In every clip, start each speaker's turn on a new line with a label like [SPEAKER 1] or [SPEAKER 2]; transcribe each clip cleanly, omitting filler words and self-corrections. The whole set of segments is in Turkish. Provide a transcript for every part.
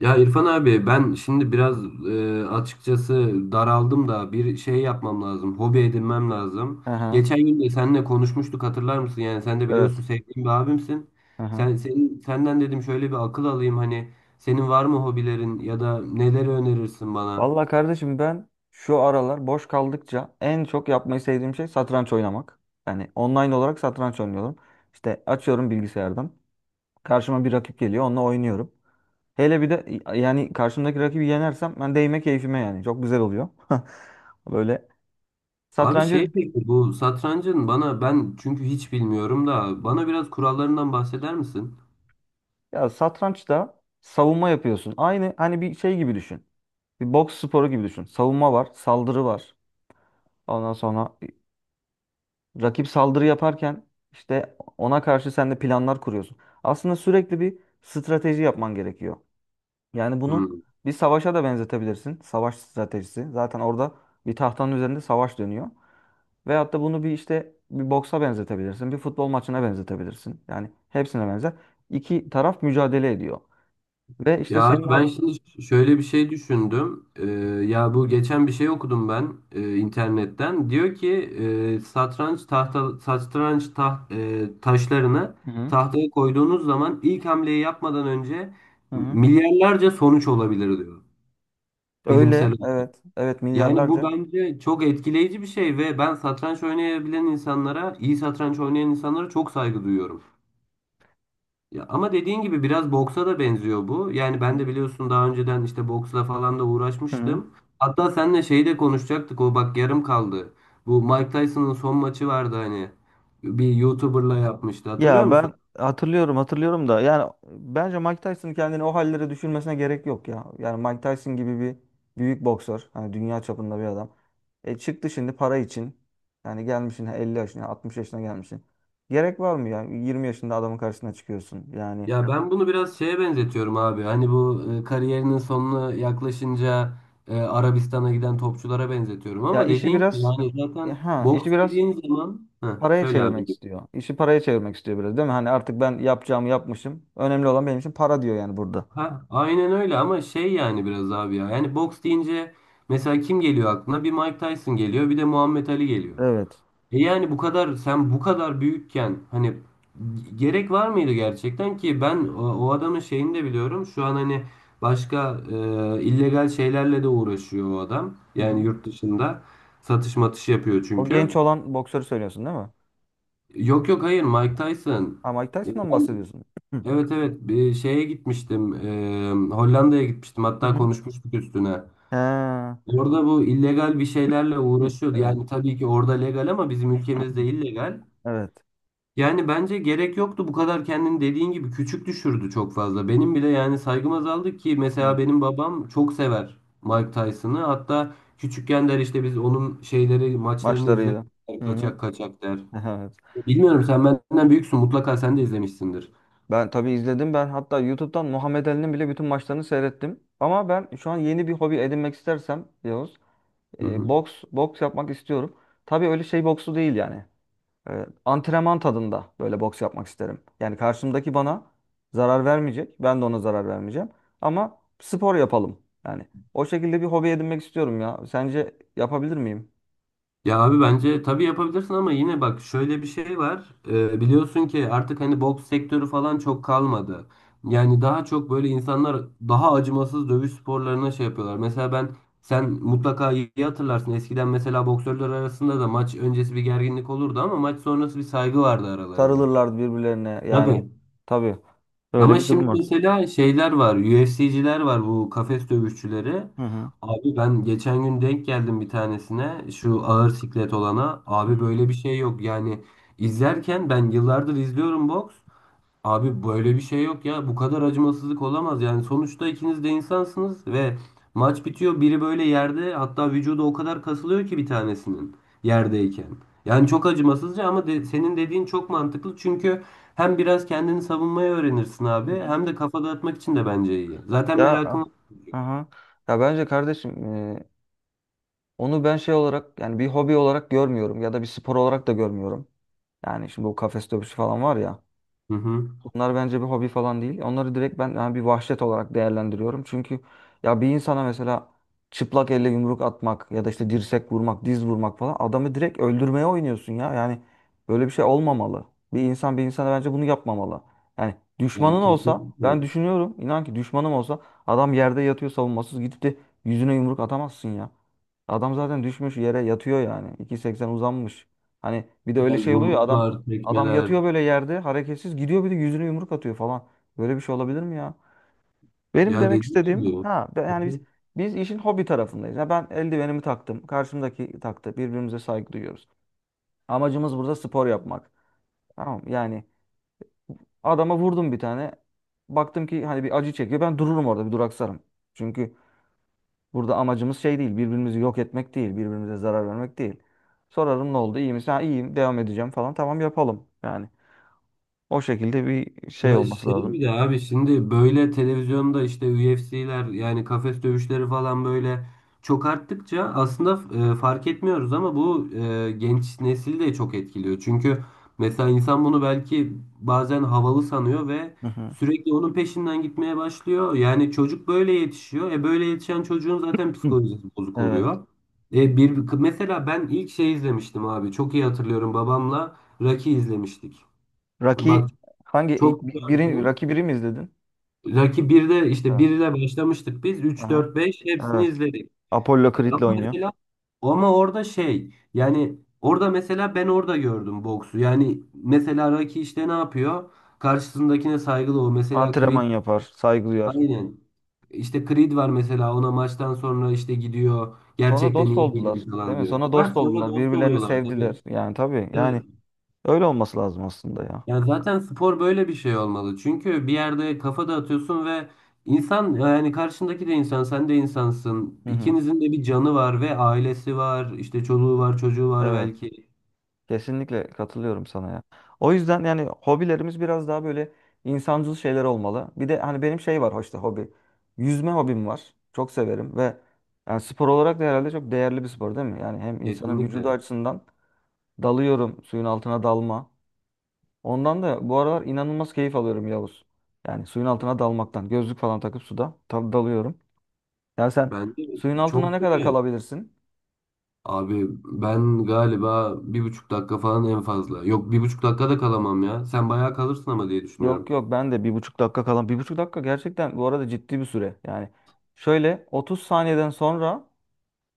[SPEAKER 1] Ya İrfan abi ben şimdi biraz açıkçası daraldım da bir şey yapmam lazım. Hobi edinmem lazım.
[SPEAKER 2] Aha.
[SPEAKER 1] Geçen gün de seninle konuşmuştuk, hatırlar mısın? Yani sen de
[SPEAKER 2] Evet.
[SPEAKER 1] biliyorsun, sevdiğim bir abimsin.
[SPEAKER 2] Aha.
[SPEAKER 1] Senden dedim, şöyle bir akıl alayım hani, senin var mı hobilerin ya da neleri önerirsin bana?
[SPEAKER 2] Vallahi kardeşim, ben şu aralar boş kaldıkça en çok yapmayı sevdiğim şey satranç oynamak. Yani online olarak satranç oynuyorum. İşte açıyorum bilgisayardan. Karşıma bir rakip geliyor, onunla oynuyorum. Hele bir de yani karşımdaki rakibi yenersem ben değme keyfime yani. Çok güzel oluyor. Böyle
[SPEAKER 1] Abi
[SPEAKER 2] satrancı,
[SPEAKER 1] şey, peki bu satrancın bana, ben çünkü hiç bilmiyorum da bana biraz kurallarından bahseder misin?
[SPEAKER 2] ya satrançta savunma yapıyorsun. Aynı hani bir şey gibi düşün. Bir boks sporu gibi düşün. Savunma var, saldırı var. Ondan sonra rakip saldırı yaparken işte ona karşı sen de planlar kuruyorsun. Aslında sürekli bir strateji yapman gerekiyor. Yani bunu bir savaşa da benzetebilirsin. Savaş stratejisi. Zaten orada bir tahtanın üzerinde savaş dönüyor. Veyahut da bunu bir işte bir boksa benzetebilirsin. Bir futbol maçına benzetebilirsin. Yani hepsine benzer. İki taraf mücadele ediyor. Ve işte
[SPEAKER 1] Ya
[SPEAKER 2] senin
[SPEAKER 1] abi ben şimdi şöyle bir şey düşündüm. Ya bu geçen bir şey okudum ben internetten. Diyor ki e, satranç tahta satranç taht, e, taşlarını
[SPEAKER 2] Hı hı.
[SPEAKER 1] tahtaya koyduğunuz zaman ilk hamleyi yapmadan önce
[SPEAKER 2] Hı hı.
[SPEAKER 1] milyarlarca sonuç olabilir diyor,
[SPEAKER 2] Öyle.
[SPEAKER 1] bilimsel olarak.
[SPEAKER 2] Evet. Evet,
[SPEAKER 1] Yani bu
[SPEAKER 2] milyarlarca.
[SPEAKER 1] bence çok etkileyici bir şey ve ben satranç oynayabilen insanlara, iyi satranç oynayan insanlara çok saygı duyuyorum. Ya ama dediğin gibi biraz boksa da benziyor bu. Yani
[SPEAKER 2] Hı
[SPEAKER 1] ben de biliyorsun, daha önceden işte boksla falan da
[SPEAKER 2] hı.
[SPEAKER 1] uğraşmıştım. Hatta seninle şeyi de konuşacaktık. O bak yarım kaldı. Bu Mike Tyson'ın son maçı vardı hani. Bir YouTuber'la yapmıştı. Hatırlıyor
[SPEAKER 2] Ya
[SPEAKER 1] musun?
[SPEAKER 2] ben hatırlıyorum, hatırlıyorum da yani bence Mike Tyson kendini o hallere düşürmesine gerek yok ya. Yani Mike Tyson gibi bir büyük boksör, hani dünya çapında bir adam. E çıktı şimdi para için. Yani gelmişsin 50 yaşına, 60 yaşına gelmişsin. Gerek var mı ya? 20 yaşında adamın karşısına çıkıyorsun. Yani
[SPEAKER 1] Ya ben bunu biraz şeye benzetiyorum abi. Hani bu kariyerinin sonuna yaklaşınca Arabistan'a giden topçulara benzetiyorum.
[SPEAKER 2] ya
[SPEAKER 1] Ama
[SPEAKER 2] işi
[SPEAKER 1] dediğin gibi
[SPEAKER 2] biraz
[SPEAKER 1] yani zaten
[SPEAKER 2] işi
[SPEAKER 1] boks
[SPEAKER 2] biraz
[SPEAKER 1] dediğin zaman... Heh,
[SPEAKER 2] paraya
[SPEAKER 1] söyle abi.
[SPEAKER 2] çevirmek istiyor. İşi paraya çevirmek istiyor biraz, değil mi? Hani artık ben yapacağımı yapmışım. Önemli olan benim için para, diyor yani burada.
[SPEAKER 1] Ha, aynen öyle, ama şey yani biraz abi ya. Yani boks deyince mesela kim geliyor aklına? Bir Mike Tyson geliyor, bir de Muhammed Ali geliyor.
[SPEAKER 2] Evet.
[SPEAKER 1] E yani bu kadar, sen bu kadar büyükken hani gerek var mıydı gerçekten ki, ben o adamın şeyini de biliyorum. Şu an hani başka illegal şeylerle de uğraşıyor o adam.
[SPEAKER 2] Hı
[SPEAKER 1] Yani
[SPEAKER 2] hı.
[SPEAKER 1] yurt dışında satış matış yapıyor
[SPEAKER 2] O
[SPEAKER 1] çünkü.
[SPEAKER 2] genç olan boksörü söylüyorsun, değil mi?
[SPEAKER 1] Yok yok, hayır, Mike Tyson.
[SPEAKER 2] Ha, Mike Tyson'dan mı bahsediyorsun? Hı.
[SPEAKER 1] Evet evet, bir şeye gitmiştim, Hollanda'ya gitmiştim,
[SPEAKER 2] Hı
[SPEAKER 1] hatta
[SPEAKER 2] hı.
[SPEAKER 1] konuşmuştuk üstüne.
[SPEAKER 2] Ha.
[SPEAKER 1] Orada bu illegal bir şeylerle
[SPEAKER 2] Hı.
[SPEAKER 1] uğraşıyordu.
[SPEAKER 2] Evet.
[SPEAKER 1] Yani tabii ki orada legal ama bizim ülkemizde illegal.
[SPEAKER 2] Evet.
[SPEAKER 1] Yani bence gerek yoktu, bu kadar kendini dediğin gibi küçük düşürdü çok fazla. Benim bile yani saygım azaldı, ki mesela
[SPEAKER 2] Hı.
[SPEAKER 1] benim babam çok sever Mike Tyson'ı. Hatta küçükken der işte, biz onun şeyleri maçlarını izler
[SPEAKER 2] Maçlarıyla. Hı hı.
[SPEAKER 1] kaçak kaçak der.
[SPEAKER 2] Evet.
[SPEAKER 1] Bilmiyorum, sen benden büyüksün, mutlaka sen de izlemişsindir.
[SPEAKER 2] Ben tabii izledim. Ben hatta YouTube'dan Muhammed Ali'nin bile bütün maçlarını seyrettim. Ama ben şu an yeni bir hobi edinmek istersem Yavuz,
[SPEAKER 1] Hı hı.
[SPEAKER 2] boks yapmak istiyorum. Tabii öyle şey boksu değil yani. Antrenman tadında böyle boks yapmak isterim. Yani karşımdaki bana zarar vermeyecek. Ben de ona zarar vermeyeceğim. Ama spor yapalım. Yani o şekilde bir hobi edinmek istiyorum ya. Sence yapabilir miyim?
[SPEAKER 1] Ya abi bence tabii yapabilirsin, ama yine bak, şöyle bir şey var. Biliyorsun ki artık hani boks sektörü falan çok kalmadı. Yani daha çok böyle insanlar daha acımasız dövüş sporlarına şey yapıyorlar. Mesela ben, sen mutlaka iyi hatırlarsın. Eskiden mesela boksörler arasında da maç öncesi bir gerginlik olurdu, ama maç sonrası bir saygı vardı aralarında.
[SPEAKER 2] Sarılırlardı birbirlerine. Yani
[SPEAKER 1] Tabii.
[SPEAKER 2] tabii, böyle
[SPEAKER 1] Ama
[SPEAKER 2] bir durum
[SPEAKER 1] şimdi
[SPEAKER 2] var.
[SPEAKER 1] mesela şeyler var, UFC'ciler var, bu kafes dövüşçüleri.
[SPEAKER 2] Hı hı.
[SPEAKER 1] Abi ben geçen gün denk geldim bir tanesine, şu ağır siklet olana.
[SPEAKER 2] Hı
[SPEAKER 1] Abi
[SPEAKER 2] hı.
[SPEAKER 1] böyle bir şey yok yani, izlerken, ben yıllardır izliyorum boks. Abi böyle bir şey yok ya. Bu kadar acımasızlık olamaz. Yani sonuçta ikiniz de insansınız ve maç bitiyor. Biri böyle yerde, hatta vücudu o kadar kasılıyor ki bir tanesinin, yerdeyken. Yani çok acımasızca, ama senin dediğin çok mantıklı. Çünkü hem biraz kendini savunmayı öğrenirsin abi,
[SPEAKER 2] Hı.
[SPEAKER 1] hem de kafa dağıtmak için de bence iyi. Zaten
[SPEAKER 2] Ya,
[SPEAKER 1] merakım.
[SPEAKER 2] aha. Ya bence kardeşim, e, onu ben şey olarak, yani bir hobi olarak görmüyorum ya da bir spor olarak da görmüyorum. Yani şimdi bu kafes dövüşü falan var ya.
[SPEAKER 1] Hı hı.
[SPEAKER 2] Bunlar bence bir hobi falan değil. Onları direkt ben yani bir vahşet olarak değerlendiriyorum. Çünkü ya bir insana mesela çıplak elle yumruk atmak ya da işte dirsek vurmak, diz vurmak falan, adamı direkt öldürmeye oynuyorsun ya. Yani böyle bir şey olmamalı. Bir insan bir insana bence bunu yapmamalı. Yani
[SPEAKER 1] Ya
[SPEAKER 2] düşmanın olsa, ben
[SPEAKER 1] kesinlikle.
[SPEAKER 2] düşünüyorum, inan ki düşmanım olsa adam yerde yatıyor savunmasız, gidip de yüzüne yumruk atamazsın ya. Adam zaten düşmüş yere yatıyor yani. 2.80 uzanmış. Hani bir de
[SPEAKER 1] Ya
[SPEAKER 2] öyle şey oluyor ya,
[SPEAKER 1] yumruklar,
[SPEAKER 2] adam adam
[SPEAKER 1] tekmeler.
[SPEAKER 2] yatıyor böyle yerde hareketsiz, gidiyor bir de yüzüne yumruk atıyor falan. Böyle bir şey olabilir mi ya? Benim
[SPEAKER 1] Ya
[SPEAKER 2] demek
[SPEAKER 1] dediğim
[SPEAKER 2] istediğim
[SPEAKER 1] gibi.
[SPEAKER 2] yani biz işin hobi tarafındayız. Ya ben eldivenimi taktım. Karşımdaki taktı. Birbirimize saygı duyuyoruz. Amacımız burada spor yapmak. Tamam mı? Yani adama vurdum bir tane. Baktım ki hani bir acı çekiyor. Ben dururum orada, bir duraksarım. Çünkü burada amacımız şey değil. Birbirimizi yok etmek değil. Birbirimize zarar vermek değil. Sorarım ne oldu? İyi misin? Ha, iyiyim. Devam edeceğim falan. Tamam, yapalım. Yani o şekilde bir şey
[SPEAKER 1] Ya
[SPEAKER 2] olması
[SPEAKER 1] şey, bir
[SPEAKER 2] lazım.
[SPEAKER 1] de abi şimdi böyle televizyonda işte UFC'ler, yani kafes dövüşleri falan böyle çok arttıkça aslında fark etmiyoruz, ama bu genç nesil de çok etkiliyor. Çünkü mesela insan bunu belki bazen havalı sanıyor ve
[SPEAKER 2] Hı hı.
[SPEAKER 1] sürekli onun peşinden gitmeye başlıyor. Yani çocuk böyle yetişiyor. E böyle yetişen çocuğun zaten
[SPEAKER 2] Hı.
[SPEAKER 1] psikolojisi bozuk
[SPEAKER 2] Evet.
[SPEAKER 1] oluyor. E bir, mesela ben ilk şey izlemiştim abi. Çok iyi hatırlıyorum, babamla Rocky izlemiştik.
[SPEAKER 2] Rocky
[SPEAKER 1] Bak çok güzel bir
[SPEAKER 2] biri
[SPEAKER 1] film.
[SPEAKER 2] Rocky biri mi izledin?
[SPEAKER 1] Rocky birde, işte
[SPEAKER 2] Ha.
[SPEAKER 1] 1 ile başlamıştık biz. Üç
[SPEAKER 2] Aha.
[SPEAKER 1] 4 beş, hepsini
[SPEAKER 2] Evet.
[SPEAKER 1] izledik.
[SPEAKER 2] Apollo
[SPEAKER 1] Ama
[SPEAKER 2] Creed'le oynuyor.
[SPEAKER 1] mesela, ama orada şey, yani orada mesela ben orada gördüm boksu. Yani mesela Rocky işte ne yapıyor? Karşısındakine saygılı o. Mesela
[SPEAKER 2] Antrenman
[SPEAKER 1] Creed,
[SPEAKER 2] yapar, saygı duyar.
[SPEAKER 1] aynen. İşte Creed var mesela, ona maçtan sonra işte gidiyor.
[SPEAKER 2] Sonra
[SPEAKER 1] Gerçekten
[SPEAKER 2] dost
[SPEAKER 1] iyi
[SPEAKER 2] oldular,
[SPEAKER 1] değilim
[SPEAKER 2] değil
[SPEAKER 1] falan
[SPEAKER 2] mi?
[SPEAKER 1] diyor.
[SPEAKER 2] Sonra dost
[SPEAKER 1] Ha, sonra
[SPEAKER 2] oldular,
[SPEAKER 1] dost
[SPEAKER 2] birbirlerini
[SPEAKER 1] oluyorlar tabii.
[SPEAKER 2] sevdiler. Yani tabii,
[SPEAKER 1] Evet.
[SPEAKER 2] yani öyle olması lazım aslında ya.
[SPEAKER 1] Ya zaten spor böyle bir şey olmalı. Çünkü bir yerde kafa dağıtıyorsun ve insan, yani karşındaki de insan, sen de insansın.
[SPEAKER 2] Hı hı.
[SPEAKER 1] İkinizin de bir canı var ve ailesi var, işte çoluğu var, çocuğu var
[SPEAKER 2] Evet.
[SPEAKER 1] belki.
[SPEAKER 2] Kesinlikle katılıyorum sana ya. O yüzden yani hobilerimiz biraz daha böyle insancıl şeyler olmalı. Bir de hani benim şey var, hoşta hobi. Yüzme hobim var. Çok severim ve yani spor olarak da herhalde çok değerli bir spor, değil mi? Yani hem insanın vücudu
[SPEAKER 1] Kesinlikle.
[SPEAKER 2] açısından dalıyorum suyun altına, dalma. Ondan da bu aralar inanılmaz keyif alıyorum Yavuz. Yani suyun altına dalmaktan. Gözlük falan takıp suda tabii dalıyorum. Ya sen
[SPEAKER 1] Bence
[SPEAKER 2] suyun altına
[SPEAKER 1] çok
[SPEAKER 2] ne kadar
[SPEAKER 1] güzel.
[SPEAKER 2] kalabilirsin?
[SPEAKER 1] Abi ben galiba 1,5 dakika falan en fazla. Yok, 1,5 dakika da kalamam ya. Sen bayağı kalırsın ama diye
[SPEAKER 2] Yok
[SPEAKER 1] düşünüyorum.
[SPEAKER 2] yok, ben de 1,5 dakika kalan. 1,5 dakika gerçekten bu arada ciddi bir süre. Yani şöyle 30 saniyeden sonra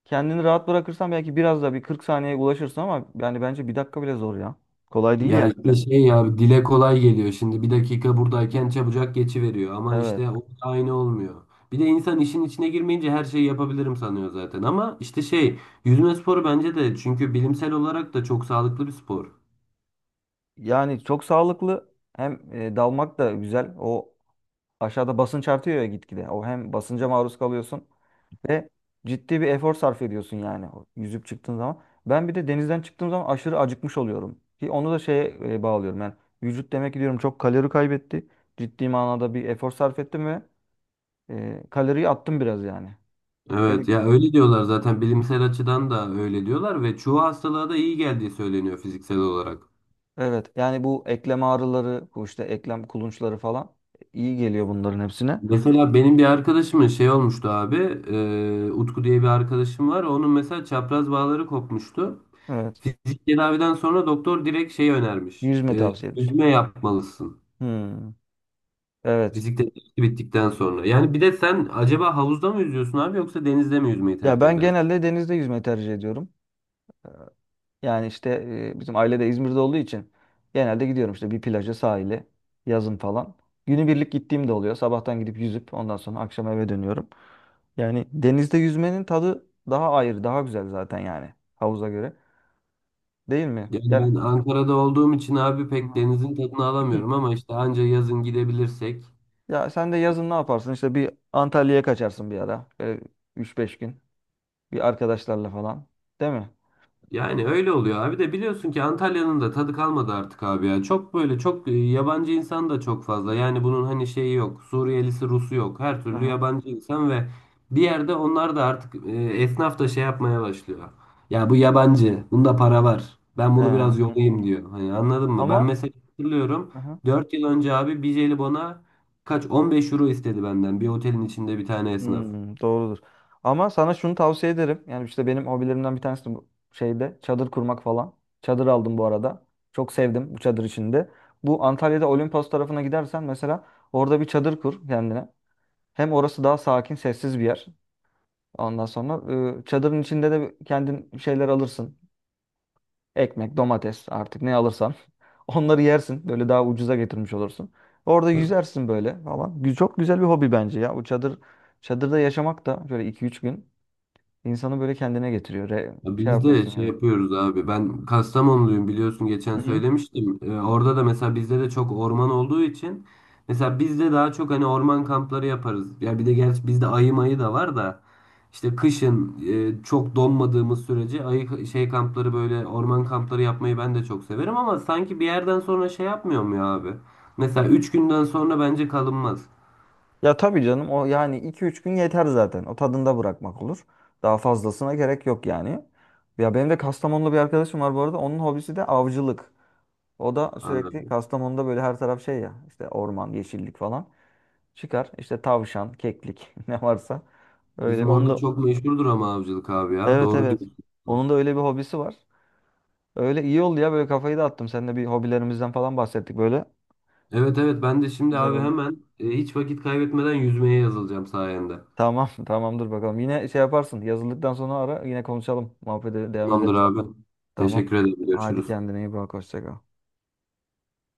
[SPEAKER 2] kendini rahat bırakırsan belki biraz da bir 40 saniyeye ulaşırsın ama yani bence bir dakika bile zor ya. Kolay değil
[SPEAKER 1] Ya
[SPEAKER 2] yani
[SPEAKER 1] işte
[SPEAKER 2] öyle.
[SPEAKER 1] şey ya, dile kolay geliyor. Şimdi 1 dakika buradayken çabucak geçiveriyor, ama
[SPEAKER 2] Evet.
[SPEAKER 1] işte o da aynı olmuyor. Bir de insan işin içine girmeyince her şeyi yapabilirim sanıyor zaten, ama işte şey, yüzme sporu bence de, çünkü bilimsel olarak da çok sağlıklı bir spor.
[SPEAKER 2] Yani çok sağlıklı, hem dalmak da güzel. O aşağıda basınç artıyor ya gitgide. O hem basınca maruz kalıyorsun ve ciddi bir efor sarf ediyorsun yani o yüzüp çıktığın zaman. Ben bir de denizden çıktığım zaman aşırı acıkmış oluyorum. Ki onu da şeye bağlıyorum ben. Vücut demek ki, diyorum, çok kalori kaybetti. Ciddi manada bir efor sarf ettim ve kaloriyi attım biraz yani. Öyle
[SPEAKER 1] Evet ya,
[SPEAKER 2] gibi
[SPEAKER 1] öyle
[SPEAKER 2] geliyor.
[SPEAKER 1] diyorlar zaten, bilimsel açıdan da öyle diyorlar ve çoğu hastalığa da iyi geldiği söyleniyor fiziksel olarak.
[SPEAKER 2] Evet yani bu eklem ağrıları, bu işte eklem kulunçları falan, iyi geliyor bunların hepsine.
[SPEAKER 1] Mesela benim bir arkadaşımın şey olmuştu abi. Utku diye bir arkadaşım var. Onun mesela çapraz bağları kopmuştu.
[SPEAKER 2] Evet.
[SPEAKER 1] Fizik tedaviden sonra doktor direkt şey önermiş.
[SPEAKER 2] Yüzme
[SPEAKER 1] E,
[SPEAKER 2] tavsiyemiş.
[SPEAKER 1] yüzme yapmalısın.
[SPEAKER 2] Hmm. Evet.
[SPEAKER 1] Fizik tedavisi bittikten sonra. Yani bir de sen acaba havuzda mı yüzüyorsun abi, yoksa denizde mi yüzmeyi
[SPEAKER 2] Ya
[SPEAKER 1] tercih
[SPEAKER 2] ben
[SPEAKER 1] edersin?
[SPEAKER 2] genelde denizde yüzme tercih ediyorum. Ee, Yani işte bizim aile de İzmir'de olduğu için genelde gidiyorum işte bir plaja, sahile, yazın falan. Günübirlik gittiğim de oluyor. Sabahtan gidip yüzüp ondan sonra akşam eve dönüyorum. Yani denizde yüzmenin tadı daha ayrı, daha güzel zaten yani havuza göre. Değil mi?
[SPEAKER 1] Yani
[SPEAKER 2] Yani
[SPEAKER 1] ben Ankara'da olduğum için abi
[SPEAKER 2] Hı
[SPEAKER 1] pek denizin tadını
[SPEAKER 2] hı.
[SPEAKER 1] alamıyorum, ama işte anca yazın gidebilirsek.
[SPEAKER 2] Ya sen de yazın ne yaparsın? İşte bir Antalya'ya kaçarsın bir ara. Böyle 3-5 gün bir arkadaşlarla falan. Değil mi?
[SPEAKER 1] Yani öyle oluyor abi de, biliyorsun ki Antalya'nın da tadı kalmadı artık abi ya. Çok böyle çok yabancı insan da çok fazla. Yani bunun hani şeyi yok. Suriyelisi, Rusu yok. Her
[SPEAKER 2] Hı
[SPEAKER 1] türlü
[SPEAKER 2] hı.
[SPEAKER 1] yabancı insan ve bir yerde onlar da artık, esnaf da şey yapmaya başlıyor. Ya bu yabancı. Bunda
[SPEAKER 2] Hı
[SPEAKER 1] para
[SPEAKER 2] hı.
[SPEAKER 1] var. Ben bunu biraz
[SPEAKER 2] Ee,
[SPEAKER 1] yolayım diyor. Hani anladın mı? Ben
[SPEAKER 2] Ama
[SPEAKER 1] mesela hatırlıyorum.
[SPEAKER 2] aha.
[SPEAKER 1] 4 yıl önce abi bir jelibona 15 euro istedi benden. Bir otelin içinde bir tane esnaf.
[SPEAKER 2] Hmm, doğrudur. Ama sana şunu tavsiye ederim. Yani işte benim hobilerimden bir tanesi de bu, şeyde çadır kurmak falan. Çadır aldım bu arada. Çok sevdim bu çadır içinde. Bu Antalya'da Olimpos tarafına gidersen mesela orada bir çadır kur kendine. Hem orası daha sakin, sessiz bir yer. Ondan sonra çadırın içinde de kendin bir şeyler alırsın. Ekmek, domates, artık ne alırsan. Onları yersin. Böyle daha ucuza getirmiş olursun. Orada yüzersin böyle falan. Çok güzel bir hobi bence ya. Bu çadır, çadırda yaşamak da şöyle iki üç gün, İnsanı böyle kendine getiriyor.
[SPEAKER 1] Ya
[SPEAKER 2] Şey
[SPEAKER 1] biz de
[SPEAKER 2] yapıyorsun
[SPEAKER 1] şey
[SPEAKER 2] yani.
[SPEAKER 1] yapıyoruz abi. Ben Kastamonluyum, biliyorsun geçen
[SPEAKER 2] Hı hı.
[SPEAKER 1] söylemiştim. Orada da mesela bizde de çok orman olduğu için mesela bizde daha çok hani orman kampları yaparız. Ya bir de gerçi bizde ayı mayı da var da, işte kışın çok donmadığımız sürece ayı şey kampları, böyle orman kampları yapmayı ben de çok severim, ama sanki bir yerden sonra şey yapmıyor mu ya abi? Mesela 3 günden sonra bence kalınmaz.
[SPEAKER 2] Ya tabii canım, o yani iki üç gün yeter zaten. O tadında bırakmak olur. Daha fazlasına gerek yok yani. Ya benim de Kastamonlu bir arkadaşım var bu arada. Onun hobisi de avcılık. O da sürekli
[SPEAKER 1] Abi.
[SPEAKER 2] Kastamonu'da böyle her taraf şey ya, işte orman, yeşillik falan. Çıkar işte tavşan, keklik, ne varsa. Öyle
[SPEAKER 1] Bizim
[SPEAKER 2] onun
[SPEAKER 1] orada
[SPEAKER 2] da
[SPEAKER 1] çok meşhurdur ama avcılık, abi ya.
[SPEAKER 2] evet,
[SPEAKER 1] Doğru
[SPEAKER 2] evet.
[SPEAKER 1] diyorsun.
[SPEAKER 2] Onun da öyle bir hobisi var. Öyle iyi oldu ya, böyle kafayı dağıttım. Seninle bir hobilerimizden falan bahsettik böyle.
[SPEAKER 1] Evet evet, ben de şimdi
[SPEAKER 2] Güzel
[SPEAKER 1] abi
[SPEAKER 2] oldu.
[SPEAKER 1] hemen hiç vakit kaybetmeden yüzmeye yazılacağım sayende.
[SPEAKER 2] Tamam, tamamdır bakalım. Yine şey yaparsın. Yazıldıktan sonra ara. Yine konuşalım. Muhabbete devam
[SPEAKER 1] Tamamdır
[SPEAKER 2] ederiz.
[SPEAKER 1] abi.
[SPEAKER 2] Tamam.
[SPEAKER 1] Teşekkür ederim.
[SPEAKER 2] Hadi
[SPEAKER 1] Görüşürüz.
[SPEAKER 2] kendine iyi bak. Hoşça kal.